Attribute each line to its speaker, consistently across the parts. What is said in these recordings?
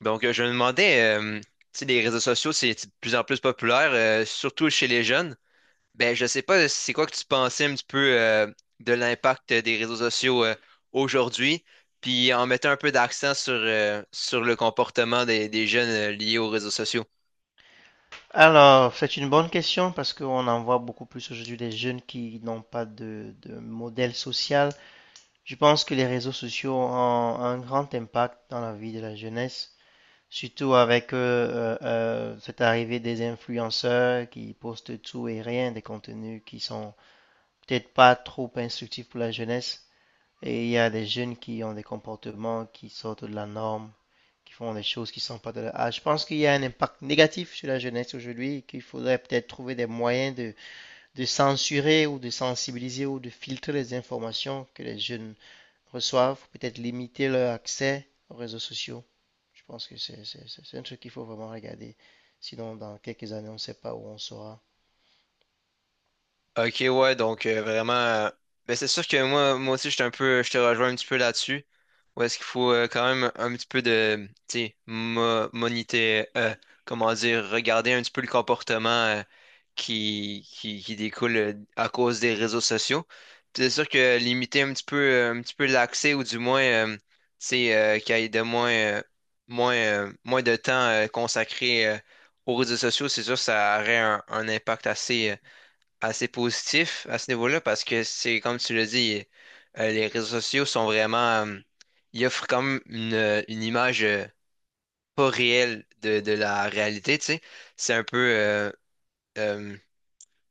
Speaker 1: Je me demandais, tu sais, les réseaux sociaux, c'est de plus en plus populaire, surtout chez les jeunes. Ben, je sais pas, c'est quoi que tu pensais un petit peu de l'impact des réseaux sociaux aujourd'hui, puis en mettant un peu d'accent sur, sur le comportement des jeunes liés aux réseaux sociaux.
Speaker 2: Alors, c'est une bonne question parce qu'on en voit beaucoup plus aujourd'hui des jeunes qui n'ont pas de modèle social. Je pense que les réseaux sociaux ont un grand impact dans la vie de la jeunesse, surtout avec cette arrivée des influenceurs qui postent tout et rien, des contenus qui sont peut-être pas trop instructifs pour la jeunesse. Et il y a des jeunes qui ont des comportements qui sortent de la norme qui font des choses qui ne sont pas de leur âge. Je pense qu'il y a un impact négatif sur la jeunesse aujourd'hui et qu'il faudrait peut-être trouver des moyens de censurer ou de sensibiliser ou de filtrer les informations que les jeunes reçoivent, peut-être limiter leur accès aux réseaux sociaux. Je pense que c'est un truc qu'il faut vraiment regarder. Sinon, dans quelques années, on ne sait pas où on sera.
Speaker 1: Ok, ouais, donc vraiment. Ben, c'est sûr que moi aussi, je suis un peu, je te rejoins un petit peu là-dessus. Où est-ce qu'il faut quand même un petit peu de, tu sais, moniter, comment dire, regarder un petit peu le comportement qui découle à cause des réseaux sociaux. Puis c'est sûr que limiter un petit peu l'accès ou du moins, tu sais, qu'il y ait de moins, moins de temps consacré aux réseaux sociaux, c'est sûr que ça aurait un impact assez. Assez positif à ce niveau-là parce que c'est comme tu l'as dit, les réseaux sociaux sont vraiment, ils offrent comme une image pas réelle de la réalité, tu sais. C'est un peu, euh,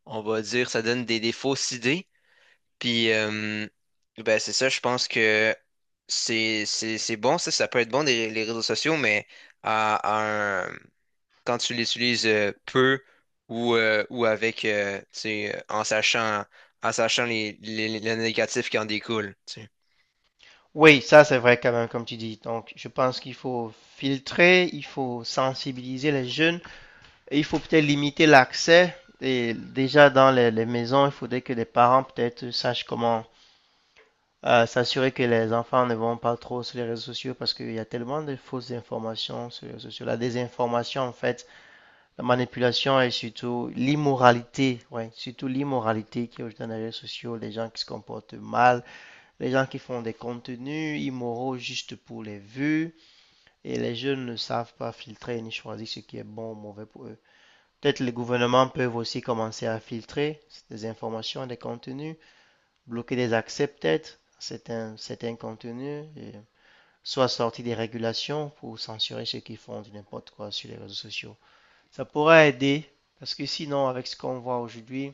Speaker 1: on va dire, ça donne des fausses idées. Puis, euh, ben c'est ça, je pense que c'est bon, ça peut être bon les réseaux sociaux, mais à, à un- quand tu l'utilises peu ou avec, tu sais, en sachant les négatifs qui en découlent. Tu sais.
Speaker 2: Oui, ça c'est vrai quand même, comme tu dis. Donc, je pense qu'il faut filtrer, il faut sensibiliser les jeunes. Et il faut peut-être limiter l'accès. Et déjà dans les maisons, il faudrait que les parents peut-être sachent comment s'assurer que les enfants ne vont pas trop sur les réseaux sociaux parce qu'il y a tellement de fausses informations sur les réseaux sociaux. La désinformation, en fait, la manipulation et surtout l'immoralité. Ouais, surtout l'immoralité qui est aujourd'hui dans les réseaux sociaux. Les gens qui se comportent mal, les gens qui font des contenus immoraux juste pour les vues. Et les jeunes ne savent pas filtrer ni choisir ce qui est bon ou mauvais pour eux. Peut-être les gouvernements peuvent aussi commencer à filtrer des informations, des contenus, bloquer des accès peut-être à certains contenus, et soit sortir des régulations pour censurer ceux qui font n'importe quoi sur les réseaux sociaux. Ça pourrait aider, parce que sinon, avec ce qu'on voit aujourd'hui,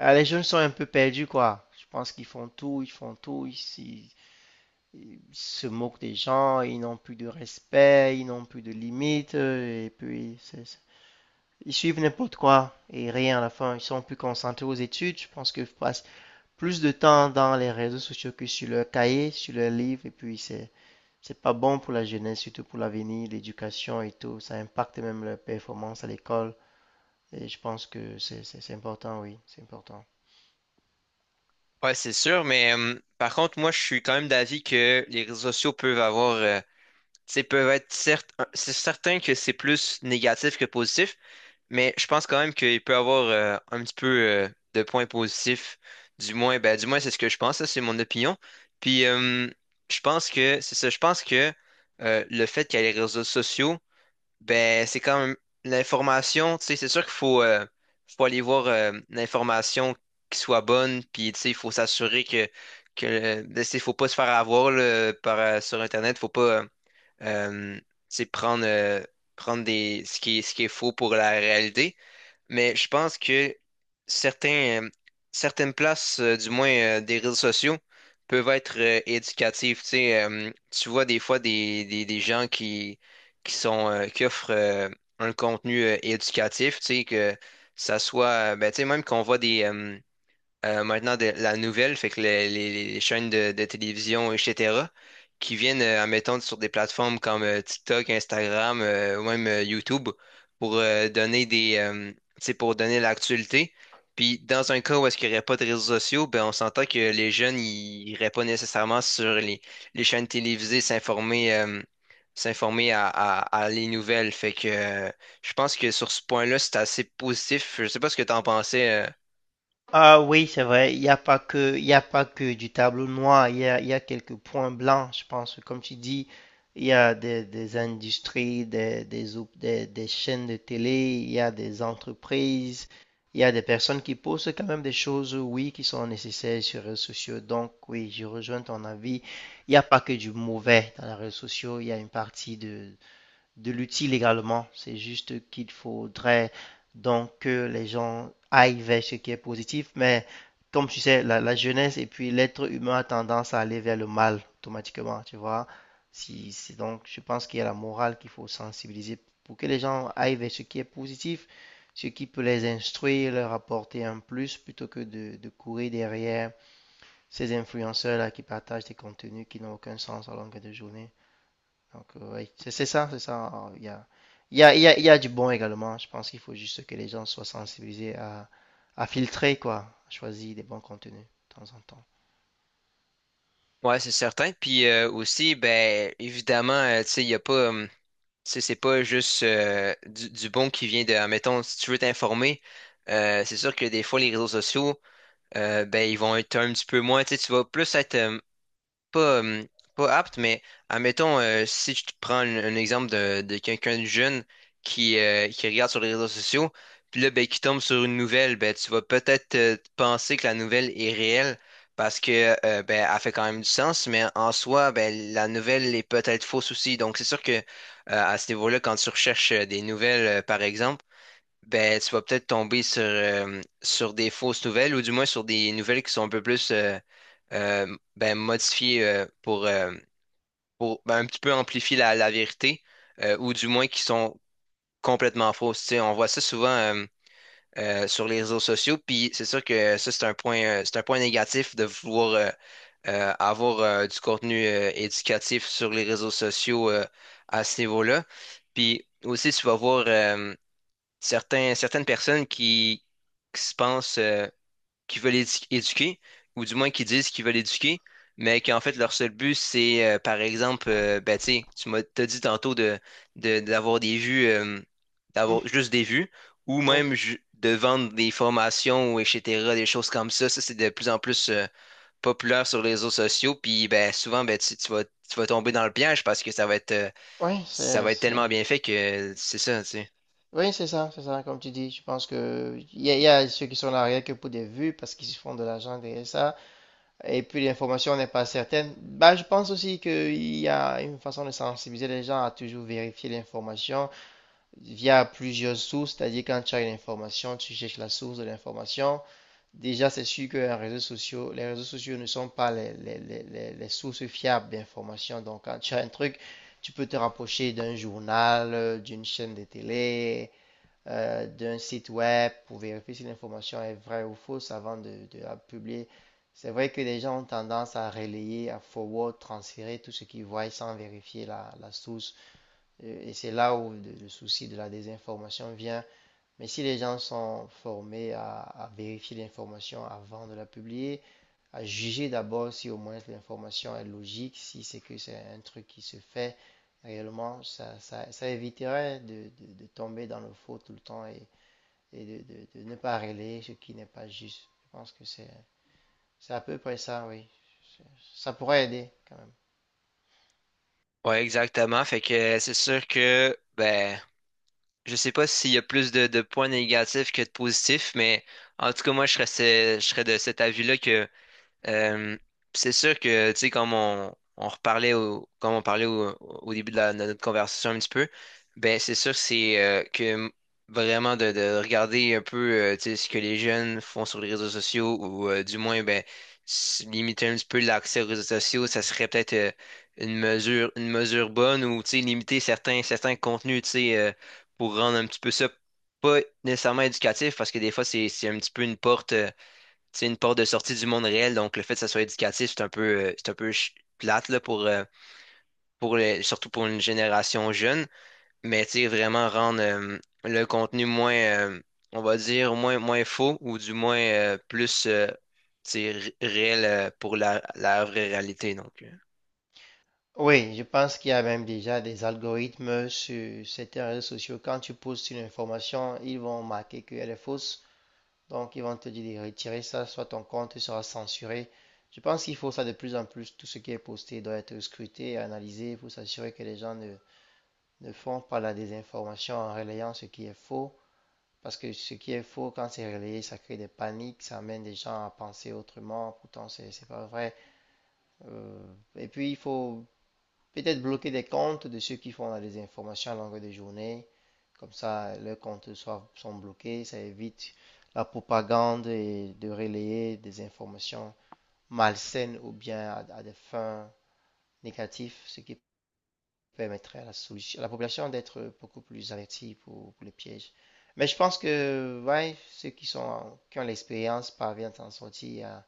Speaker 2: les jeunes sont un peu perdus, quoi. Je pense qu'ils font tout, ils font tout, se moquent des gens, ils n'ont plus de respect, ils n'ont plus de limites, et puis c'est ils suivent n'importe quoi et rien à la fin. Ils sont plus concentrés aux études. Je pense qu'ils passent plus de temps dans les réseaux sociaux que sur leur cahier, sur leur livre. Et puis, c'est pas bon pour la jeunesse, surtout pour l'avenir, l'éducation et tout. Ça impacte même leur performance à l'école. Et je pense que c'est important, oui, c'est important.
Speaker 1: Ouais, c'est sûr, mais par contre, moi, je suis quand même d'avis que les réseaux sociaux peuvent avoir, tu sais, peuvent être certes, c'est certain que c'est plus négatif que positif, mais je pense quand même qu'il peut avoir un petit peu de points positifs. Du moins, ben, du moins, c'est ce que je pense, ça, c'est mon opinion. Puis, euh, je pense que, c'est ça, je pense que le fait qu'il y ait les réseaux sociaux, ben, c'est quand même l'information, tu sais, c'est sûr qu'il faut, faut aller voir l'information qui soit bonne, puis tu sais, il faut s'assurer que, que ben, faut pas se faire avoir là, par, sur Internet, faut pas tu sais, prendre, prendre des, ce qui est faux pour la réalité. Mais je pense que certains, euh, certaines places, du moins des réseaux sociaux, peuvent être éducatives. Tu sais, tu vois des fois des gens qui sont, qui offrent un contenu éducatif, tu sais, que ça soit, ben, tu sais, même qu'on voit des, maintenant de la nouvelle, fait que les chaînes de télévision, etc., qui viennent, admettons, sur des plateformes comme TikTok, Instagram, ou même YouTube, pour donner des, tu sais, pour donner l'actualité. Puis dans un cas où est-ce qu'il n'y aurait pas de réseaux sociaux, ben on s'entend que les jeunes, ils n'iraient pas nécessairement sur les chaînes télévisées s'informer s'informer à, à les nouvelles. Fait que Je pense que sur ce point-là, c'est assez positif. Je sais pas ce que tu en pensais
Speaker 2: Ah oui, c'est vrai, il n'y a pas il y a pas que du tableau noir, il y a quelques points blancs, je pense. Comme tu dis, il y a des industries, des chaînes de télé, il y a des entreprises, il y a des personnes qui postent quand même des choses, oui, qui sont nécessaires sur les réseaux sociaux. Donc oui, je rejoins ton avis. Il n'y a pas que du mauvais dans les réseaux sociaux, il y a une partie de l'utile également. C'est juste qu'il faudrait donc que les gens aillent vers ce qui est positif, mais comme tu sais, la jeunesse et puis l'être humain a tendance à aller vers le mal automatiquement, tu vois. Si, c'est donc, je pense qu'il y a la morale qu'il faut sensibiliser pour que les gens aillent vers ce qui est positif, ce qui peut les instruire, leur apporter un plus, plutôt que de courir derrière ces influenceurs-là qui partagent des contenus qui n'ont aucun sens à longueur de journée. Donc, ouais, c'est ça, c'est ça. Alors, il y a, il y a du bon également. Je pense qu'il faut juste que les gens soient sensibilisés à filtrer, quoi, à choisir des bons contenus de temps en temps.
Speaker 1: ouais, c'est certain. Puis aussi, ben évidemment, tu sais, il y a pas, tu sais, c'est pas juste du bon qui vient de, admettons, si tu veux t'informer, c'est sûr que des fois les réseaux sociaux, ben ils vont être un petit peu moins, tu sais, tu vas plus être pas, pas apte, mais admettons, si je te prends un exemple de quelqu'un de jeune qui regarde sur les réseaux sociaux, puis là, ben, qui tombe sur une nouvelle, ben, tu vas peut-être penser que la nouvelle est réelle parce que ben, elle fait quand même du sens, mais en soi, ben, la nouvelle est peut-être fausse aussi. Donc, c'est sûr que à ce niveau-là, quand tu recherches des nouvelles, par exemple, ben, tu vas peut-être tomber sur, sur des fausses nouvelles ou du moins sur des nouvelles qui sont un peu plus ben, modifiées pour ben, un petit peu amplifier la vérité ou du moins qui sont complètement fausses. Tu sais, on voit ça souvent sur les réseaux sociaux, puis c'est sûr que ça, c'est un point négatif de vouloir avoir du contenu éducatif sur les réseaux sociaux à ce niveau-là. Puis aussi, tu vas voir. Certains, certaines personnes qui se pensent, qui veulent éduquer, ou du moins qui disent qu'ils veulent éduquer, mais qu'en fait, leur seul but, c'est, par exemple, ben, tu sais, tu m'as t'as dit tantôt de, d'avoir des vues,
Speaker 2: Mm.
Speaker 1: d'avoir juste des vues, ou
Speaker 2: Oui,
Speaker 1: même de vendre des formations, ou etc., des choses comme ça. Ça, c'est de plus en plus, populaire sur les réseaux sociaux, puis ben, souvent, ben, tu vas tomber dans le piège parce que
Speaker 2: oui,
Speaker 1: ça va être tellement bien fait que c'est ça, tu sais.
Speaker 2: oui, c'est ça, comme tu dis. Je pense que il y a ceux qui sont là rien que pour des vues parce qu'ils se font de l'argent derrière ça. Et puis l'information n'est pas certaine. Bah, je pense aussi qu'il y a une façon de sensibiliser les gens à toujours vérifier l'information via plusieurs sources, c'est-à-dire quand tu as une information, tu cherches la source de l'information. Déjà, c'est sûr que les réseaux sociaux ne sont pas les sources fiables d'information. Donc, quand tu as un truc, tu peux te rapprocher d'un journal, d'une chaîne de télé, d'un site web pour vérifier si l'information est vraie ou fausse avant de la publier. C'est vrai que les gens ont tendance à relayer, à forward, transférer tout ce qu'ils voient sans vérifier la source. Et c'est là où le souci de la désinformation vient. Mais si les gens sont formés à vérifier l'information avant de la publier, à juger d'abord si au moins l'information est logique, si c'est que c'est un truc qui se fait réellement, ça éviterait de, de tomber dans le faux tout le temps et de, de ne pas relayer ce qui n'est pas juste. Je pense que c'est à peu près ça, oui. Ça pourrait aider quand même.
Speaker 1: Ouais, exactement. Fait que c'est sûr que, ben, je sais pas s'il y a plus de points négatifs que de positifs, mais en tout cas, moi, je serais de cet avis-là que Euh, c'est sûr que, tu sais, comme on parlait au, au début de, de notre conversation un petit peu, ben c'est sûr c'est que vraiment de regarder un peu tu sais, ce que les jeunes font sur les réseaux sociaux ou du moins ben limiter un petit peu l'accès aux réseaux sociaux, ça serait peut-être une mesure bonne ou tu sais, limiter certains contenus, tu sais, pour rendre un petit peu ça pas nécessairement éducatif parce que des fois c'est un petit peu une porte c'est une porte de sortie du monde réel, donc le fait que ça soit éducatif, c'est un peu plate là, pour surtout pour une génération jeune, mais tu sais, vraiment rendre le contenu moins, on va dire, moins faux ou du moins plus tu sais, réel pour la, la vraie réalité.
Speaker 2: Oui, je pense qu'il y a même déjà des algorithmes sur certains réseaux sociaux. Quand tu postes une information, ils vont marquer qu'elle est fausse. Donc, ils vont te dire de retirer ça, soit ton compte sera censuré. Je pense qu'il faut ça de plus en plus. Tout ce qui est posté doit être scruté et analysé pour s'assurer que les gens ne font pas la désinformation en relayant ce qui est faux. Parce que ce qui est faux, quand c'est relayé, ça crée des paniques, ça amène des gens à penser autrement. Pourtant, c'est pas vrai. Et puis, il faut peut-être bloquer des comptes de ceux qui font des informations à longueur de journée. Comme ça, leurs comptes sont bloqués. Ça évite la propagande et de relayer des informations malsaines ou bien à des fins négatives, ce qui permettrait à la solution, à la population d'être beaucoup plus avertie pour les pièges. Mais je pense que ouais, qui ont l'expérience parviennent à en sortir,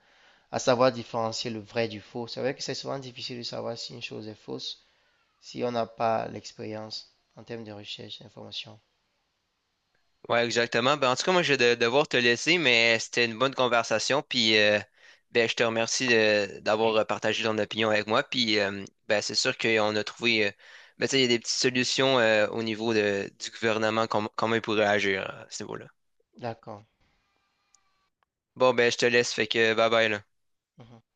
Speaker 2: à savoir différencier le vrai du faux. C'est vrai que c'est souvent difficile de savoir si une chose est fausse si on n'a pas l'expérience en termes de recherche d'information.
Speaker 1: Ouais, exactement. Ben, en tout cas, moi, je vais devoir te laisser, mais c'était une bonne conversation. Ben, je te remercie d'avoir partagé ton opinion avec moi. Ben, c'est sûr qu'on a trouvé, ben, tu sais, il y a des petites solutions au niveau de, du gouvernement, comment il pourrait agir à ce niveau-là.
Speaker 2: D'accord.
Speaker 1: Bon, ben, je te laisse. Fait que, bye bye, là.
Speaker 2: Mhm.